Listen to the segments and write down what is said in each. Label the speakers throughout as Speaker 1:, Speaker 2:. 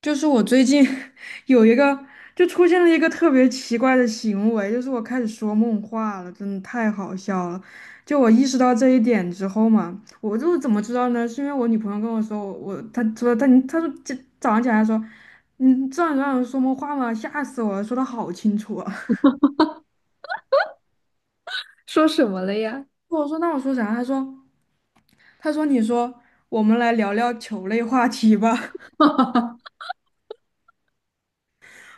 Speaker 1: 就是我最近 有一个，就出现了一个特别奇怪的行为，就是我开始说梦话了，真的太好笑了。就我意识到这一点之后嘛，我就怎么知道呢？是因为我女朋友跟我说，我她说她你她说这早上起来说，你这样让人说梦话吗？吓死我了，说的好清楚啊。
Speaker 2: 说什么了呀？
Speaker 1: 我说那我说啥？她说你说我们来聊聊球类话题吧。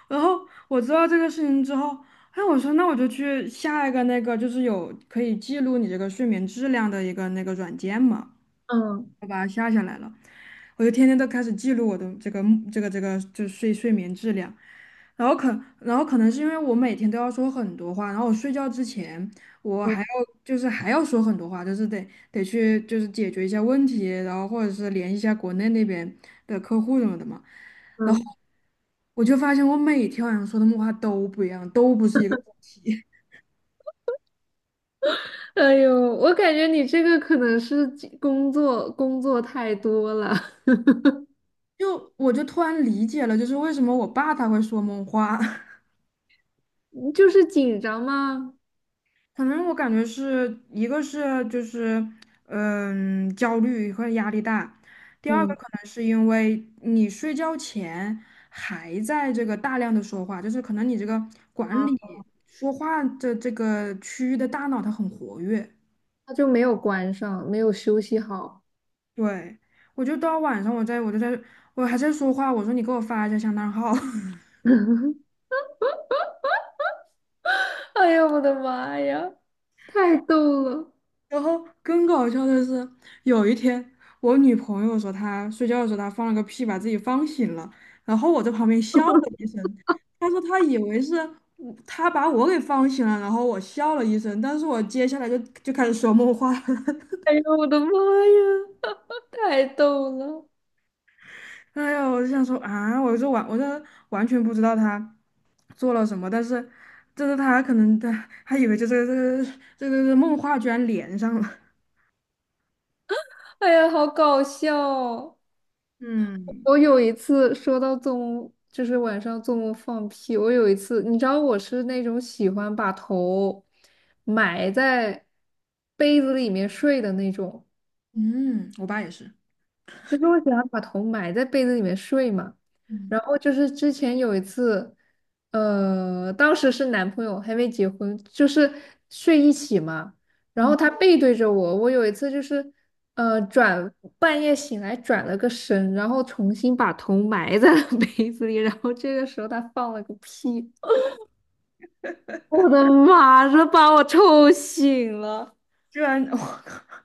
Speaker 1: 然后我知道这个事情之后，哎，我说那我就去下一个那个，就是有可以记录你这个睡眠质量的一个那个软件嘛。
Speaker 2: 嗯
Speaker 1: 我就天天都开始记录我的这个就是睡眠质量，然后可然后可能是因为我每天都要说很多话，然后我睡觉之前我
Speaker 2: 嗯
Speaker 1: 还要就是还要说很多话，就是得去就是解决一下问题，然后或者是联系一下国内那边的客户什么的嘛，然后
Speaker 2: 嗯，
Speaker 1: 我就发现我每天晚上说的梦话都不一样，都不是一个主题，
Speaker 2: 哎呦，我感觉你这个可能是紧工作工作太多了，
Speaker 1: 我就突然理解了，就是为什么我爸他会说梦话。
Speaker 2: 你就是紧张吗？
Speaker 1: 可能我感觉是一个是就是焦虑和压力大，第二个
Speaker 2: 嗯
Speaker 1: 可能是因为你睡觉前还在这个大量的说话，就是可能你这个管理
Speaker 2: 啊，
Speaker 1: 说话的这个区域的大脑它很活跃，
Speaker 2: 他就没有关上，没有休息好。
Speaker 1: 对，我就到晚上我还在说话，我说你给我发一下香囊号。
Speaker 2: 哎呀，我的妈呀，太逗了！
Speaker 1: 然后更搞笑的是，有一天我女朋友说她睡觉的时候她放了个屁，把自己放醒了，然后我在旁边笑了一声。她说她以为是她把我给放醒了，然后我笑了一声，但是我接下来就开始说梦话了。
Speaker 2: 哎呀，我的妈呀，太逗了！
Speaker 1: 哎呀，我就想说啊，我就完全不知道她做了什么，但是就是她可能以为就这个梦话居然连上了。
Speaker 2: 哎呀，好搞笑哦！
Speaker 1: 嗯
Speaker 2: 我有一次说到做梦，就是晚上做梦放屁。我有一次，你知道我是那种喜欢把头埋在被子里面睡的那种。
Speaker 1: 嗯，我爸也是。
Speaker 2: 就是我喜欢把头埋在被子里面睡嘛。
Speaker 1: 嗯
Speaker 2: 然后就是之前有一次，当时是男朋友还没结婚，就是睡一起嘛。然后
Speaker 1: 嗯
Speaker 2: 他背对着我，我有一次就是，呃，转半夜醒来转了个身，然后重新把头埋在了 被子里，然后这个时候他放了个屁，我的妈，这把我臭醒了。
Speaker 1: 居然，我靠，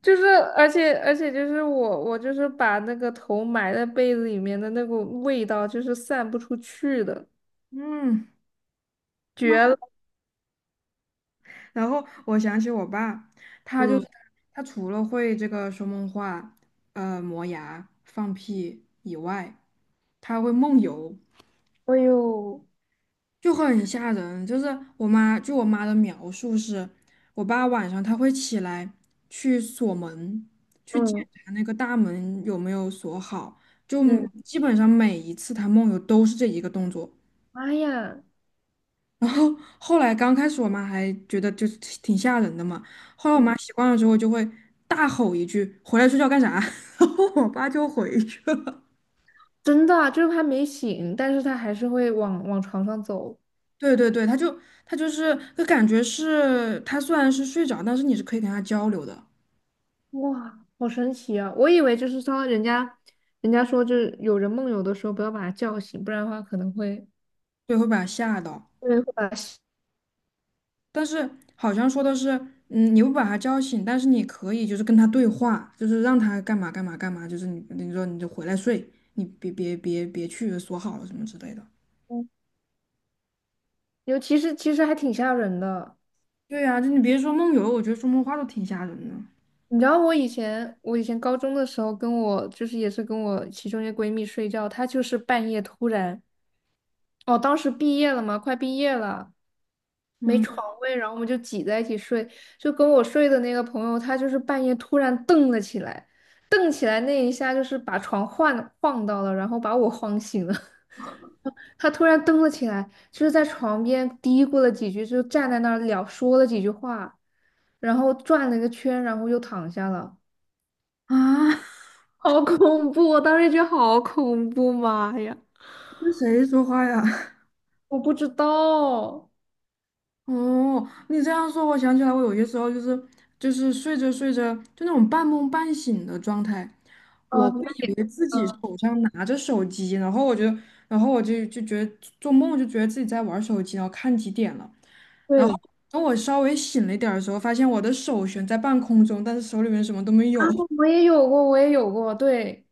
Speaker 2: 就是，而且就是我就是把那个头埋在被子里面的那股味道，就是散不出去的，
Speaker 1: 嗯，妈！
Speaker 2: 绝了！
Speaker 1: 然后我想起我爸，他就是
Speaker 2: 嗯。
Speaker 1: 他除了会这个说梦话、磨牙、放屁以外，他会梦游，
Speaker 2: 哎呦，
Speaker 1: 就很吓人。就是我妈，据我妈的描述是，我爸晚上他会起来去锁门，去检
Speaker 2: 嗯。
Speaker 1: 查那个大门有没有锁好，就
Speaker 2: 嗯。
Speaker 1: 基本上每一次他梦游都是这一个动作。
Speaker 2: 妈呀。
Speaker 1: 然后后来刚开始我妈还觉得就是挺吓人的嘛，后来我妈
Speaker 2: 嗯。
Speaker 1: 习惯了之后就会大吼一句“回来睡觉干啥”，然后我爸就回去了。
Speaker 2: 真的啊，就是他没醒，但是他还是会往床上走。
Speaker 1: 对对对，他就是就感觉是他虽然是睡着，但是你是可以跟他交流的，
Speaker 2: 哇，好神奇啊！我以为就是说人家说就是有人梦游的时候不要把他叫醒，不然的话可能会。
Speaker 1: 对，会把他吓到。
Speaker 2: 对，把他吓。
Speaker 1: 但是好像说的是，你不把他叫醒，但是你可以就是跟他对话，就是让他干嘛干嘛干嘛，就是你说你就回来睡，你别去锁好了什么之类的。
Speaker 2: 嗯，尤其是其实还挺吓人的。
Speaker 1: 对呀、就你别说梦游，我觉得说梦话都挺吓人的。
Speaker 2: 你知道我以前，我以前高中的时候，跟我就是也是跟我其中一个闺蜜睡觉，她就是半夜突然，哦，当时毕业了嘛，快毕业了，没
Speaker 1: 嗯
Speaker 2: 床位，然后我们就挤在一起睡，就跟我睡的那个朋友，她就是半夜突然瞪了起来，瞪起来那一下就是把床晃到了，然后把我晃醒了。她突然瞪了起来，就是在床边嘀咕了几句，就站在那儿聊说了几句话，然后转了一个圈，然后又躺下了。
Speaker 1: 啊，
Speaker 2: 好恐怖！我当时觉得好恐怖，妈呀！
Speaker 1: 跟谁说话呀？
Speaker 2: 我不知道哦。
Speaker 1: 哦，你这样说，我想起来，我有些时候就是睡着睡着，就那种半梦半醒的状态，
Speaker 2: 眼
Speaker 1: 我会
Speaker 2: 那
Speaker 1: 以
Speaker 2: 也
Speaker 1: 为自己手上拿着手机，然后我就觉得做梦就觉得自己在玩手机，然后看几点了，然后
Speaker 2: 对。
Speaker 1: 等我稍微醒了一点儿的时候，发现我的手悬在半空中，但是手里面什么都没
Speaker 2: 啊，
Speaker 1: 有，
Speaker 2: 我也有过，我也有过，对，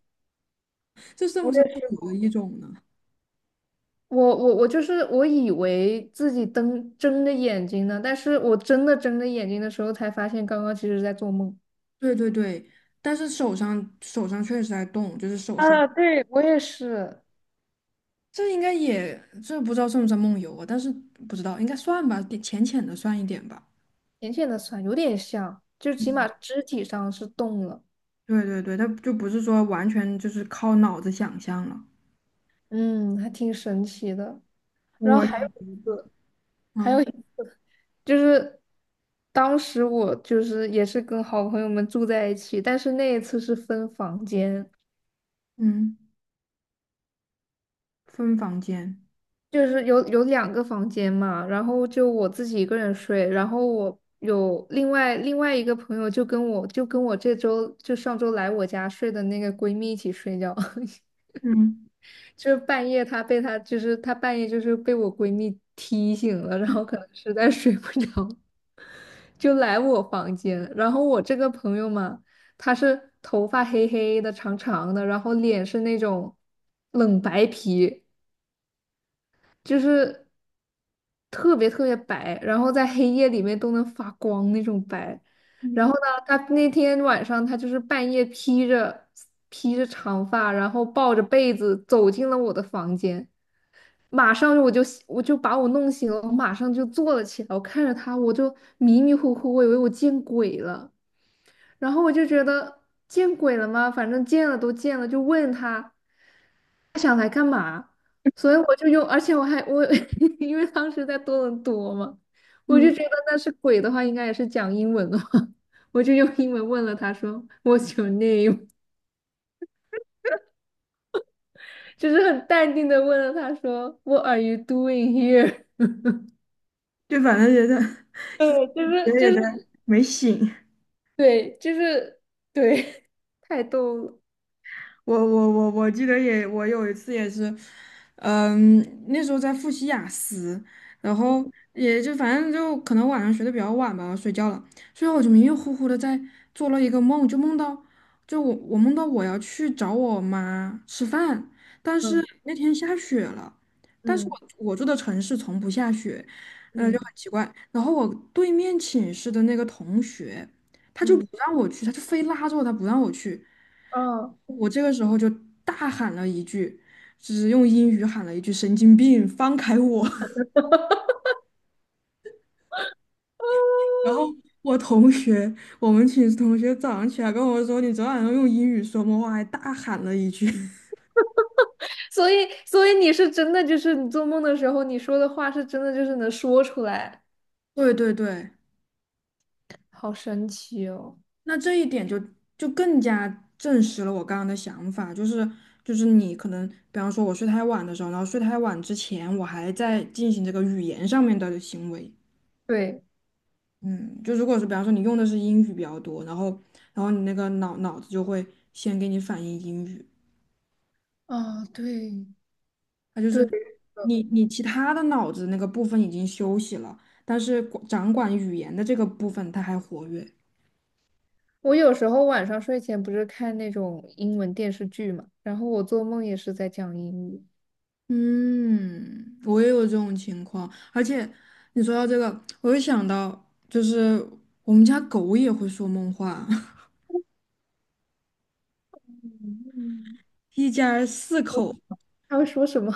Speaker 1: 这算
Speaker 2: 我
Speaker 1: 不算
Speaker 2: 也试
Speaker 1: 有的
Speaker 2: 过。
Speaker 1: 一种呢？
Speaker 2: 我就是我以为自己瞪睁着眼睛呢，但是我真的睁着眼睛的时候才发现，刚刚其实在做梦。
Speaker 1: 对对对，但是手上确实在动，就是手，
Speaker 2: 啊，对，我也是。
Speaker 1: 这应该也这不知道算不算梦游啊？但是不知道应该算吧，点浅浅的算一点吧。
Speaker 2: 浅浅的酸，有点像，就起码肢体上是动了。
Speaker 1: 对对对，它就不是说完全就是靠脑子想象了。
Speaker 2: 嗯，还挺神奇的。然后还有
Speaker 1: 我
Speaker 2: 一次，还
Speaker 1: 嗯
Speaker 2: 个，就是当时我就是也是跟好朋友们住在一起，但是那一次是分房间，
Speaker 1: 嗯，分房间，
Speaker 2: 就是有两个房间嘛，然后就我自己一个人睡，然后我有另外一个朋友就跟我这周上周来我家睡的那个闺蜜一起睡觉。
Speaker 1: 嗯
Speaker 2: 就是半夜她被她就是她半夜就是被我闺蜜踢醒了，然后可能实在睡不着。就来我房间，然后我这个朋友嘛，他是头发黑黑的、长长的，然后脸是那种冷白皮，就是特别白，然后在黑夜里面都能发光那种白。然
Speaker 1: 嗯
Speaker 2: 后呢，他那天晚上他就是半夜披着长发，然后抱着被子走进了我的房间。马上我就把我弄醒了，我马上就坐了起来。我看着他，我就迷迷糊糊，我以为我见鬼了。然后我就觉得见鬼了吗？反正见了都见了，就问他。所以我就用，而且我还我 因为当时在多伦多嘛，我就
Speaker 1: 嗯，
Speaker 2: 觉得那是鬼的话，应该也是讲英文的话，我就用英文问了他说 "What's your name？" 就是很淡定的问了他说 "What are you doing here？"
Speaker 1: 就反正觉得
Speaker 2: 对，就
Speaker 1: 觉
Speaker 2: 是
Speaker 1: 得
Speaker 2: 就
Speaker 1: 也在
Speaker 2: 是
Speaker 1: 没醒。
Speaker 2: 对，就是对，太逗了。
Speaker 1: 我记得也，我有一次也是，嗯，那时候在复习雅思，然后也就反正就可能晚上学的比较晚吧，我睡觉了，所以我就迷迷糊糊的在做了一个梦，就梦到就我我梦到我要去找我妈吃饭，但是
Speaker 2: 嗯。
Speaker 1: 那天下雪了，但是
Speaker 2: 嗯。
Speaker 1: 我住的城市从不下雪，嗯，就
Speaker 2: 嗯。
Speaker 1: 很奇怪。然后我对面寝室的那个同学，他就不
Speaker 2: 嗯。
Speaker 1: 让我去，他就非拉着我，他不让我去。
Speaker 2: 哦。
Speaker 1: 我这个时候就大喊了一句，就是用英语喊了一句“神经病，放开我” 然后我同学，我们寝室同学早上起来跟我说：“你昨晚上用英语说梦话，还大喊了一句。
Speaker 2: 所以，所以你是真的，就是你做梦的时候，你说的话是真的，就是能说出来，
Speaker 1: 对对对，
Speaker 2: 好神奇哦。
Speaker 1: 那这一点就更加证实了我刚刚的想法，就是你可能，比方说我睡太晚的时候，然后睡太晚之前，我还在进行这个语言上面的行为。
Speaker 2: 对。
Speaker 1: 嗯，就如果是比方说你用的是英语比较多，然后你那个脑子就会先给你反应英语，
Speaker 2: 啊，对。
Speaker 1: 它就
Speaker 2: 对，
Speaker 1: 是你其他的脑子那个部分已经休息了，但是掌管语言的这个部分它还活跃。
Speaker 2: 我有时候晚上睡前不是看那种英文电视剧嘛，然后我做梦也是在讲英语。
Speaker 1: 嗯，我也有这种情况，而且你说到这个，我又想到，就是我们家狗也会说梦话，
Speaker 2: 嗯。
Speaker 1: 一家四
Speaker 2: 我
Speaker 1: 口。
Speaker 2: 他会说什么。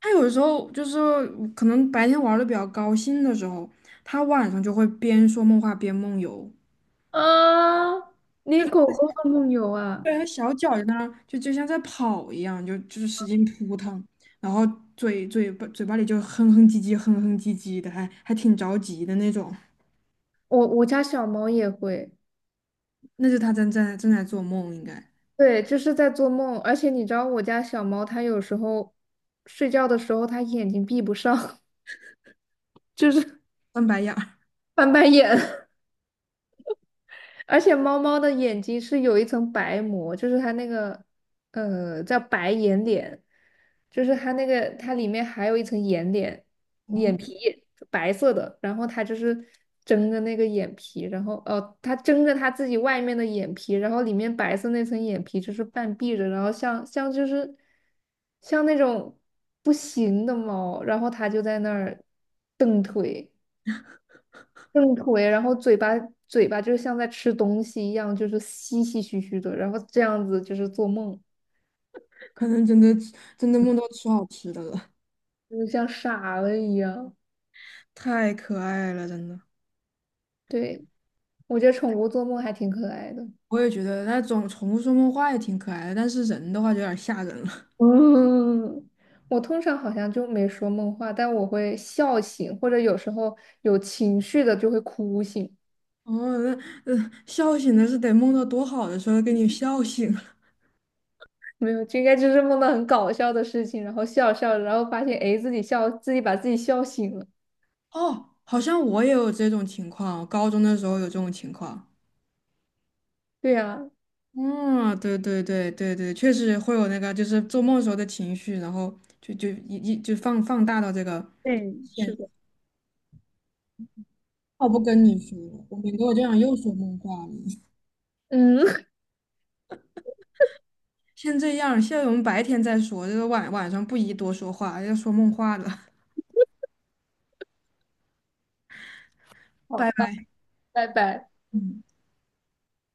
Speaker 1: 他有时候就是可能白天玩的比较高兴的时候，他晚上就会边说梦话边梦游，
Speaker 2: 啊？你狗狗的梦游啊？
Speaker 1: 对，他小脚在那儿就像在跑一样，就是使劲扑腾，然后嘴巴里就哼哼唧唧哼哼唧唧的，还挺着急的那种，
Speaker 2: 我家小猫也会。
Speaker 1: 那是他正在做梦，应该
Speaker 2: 对，就是在做梦，而且你知道我家小猫它有时候睡觉的时候它眼睛闭不上，就是
Speaker 1: 翻白眼儿，
Speaker 2: 翻白眼。而且猫猫的眼睛是有一层白膜，就是它那个，叫白眼睑，就是它那个它里面还有一层眼睑，眼
Speaker 1: 哦，
Speaker 2: 皮白色的，然后它就是睁着那个眼皮，然后哦，它睁着它自己外面的眼皮，然后里面白色那层眼皮就是半闭着，然后像就是像那种不行的猫，然后它就在那儿蹬腿。正腿，然后嘴巴就是像在吃东西一样，就是吸吸嘘嘘的，然后这样子就是做梦，
Speaker 1: 可能真的梦到吃好吃的了，
Speaker 2: 就是像傻了一样。
Speaker 1: 太可爱了，真的。
Speaker 2: 对，我觉得宠物做梦还挺可爱的。
Speaker 1: 我也觉得，那种宠物说梦话也挺可爱的，但是人的话就有点吓人了。
Speaker 2: 嗯。我通常好像就没说梦话，但我会笑醒，或者有时候有情绪的就会哭醒。
Speaker 1: 哦，那笑醒的是得梦到多好的时候给你笑醒了。
Speaker 2: 没有，就应该就是梦到很搞笑的事情，然后笑着然后发现诶自己笑，自己把自己笑醒了。
Speaker 1: 哦，好像我也有这种情况，我高中的时候有这种情况。
Speaker 2: 对呀、
Speaker 1: 嗯，对对对对对，确实会有那个，就是做梦时候的情绪，然后就一就放大到这个
Speaker 2: 嗯，是
Speaker 1: 现。
Speaker 2: 的。
Speaker 1: 我不跟你说了，我免得我这样又说梦话了。
Speaker 2: 嗯，
Speaker 1: 先这样，现在我们白天再说，这个晚上不宜多说话，要说梦话了。
Speaker 2: 好
Speaker 1: 拜
Speaker 2: 吧，
Speaker 1: 拜。
Speaker 2: 拜拜。
Speaker 1: 嗯。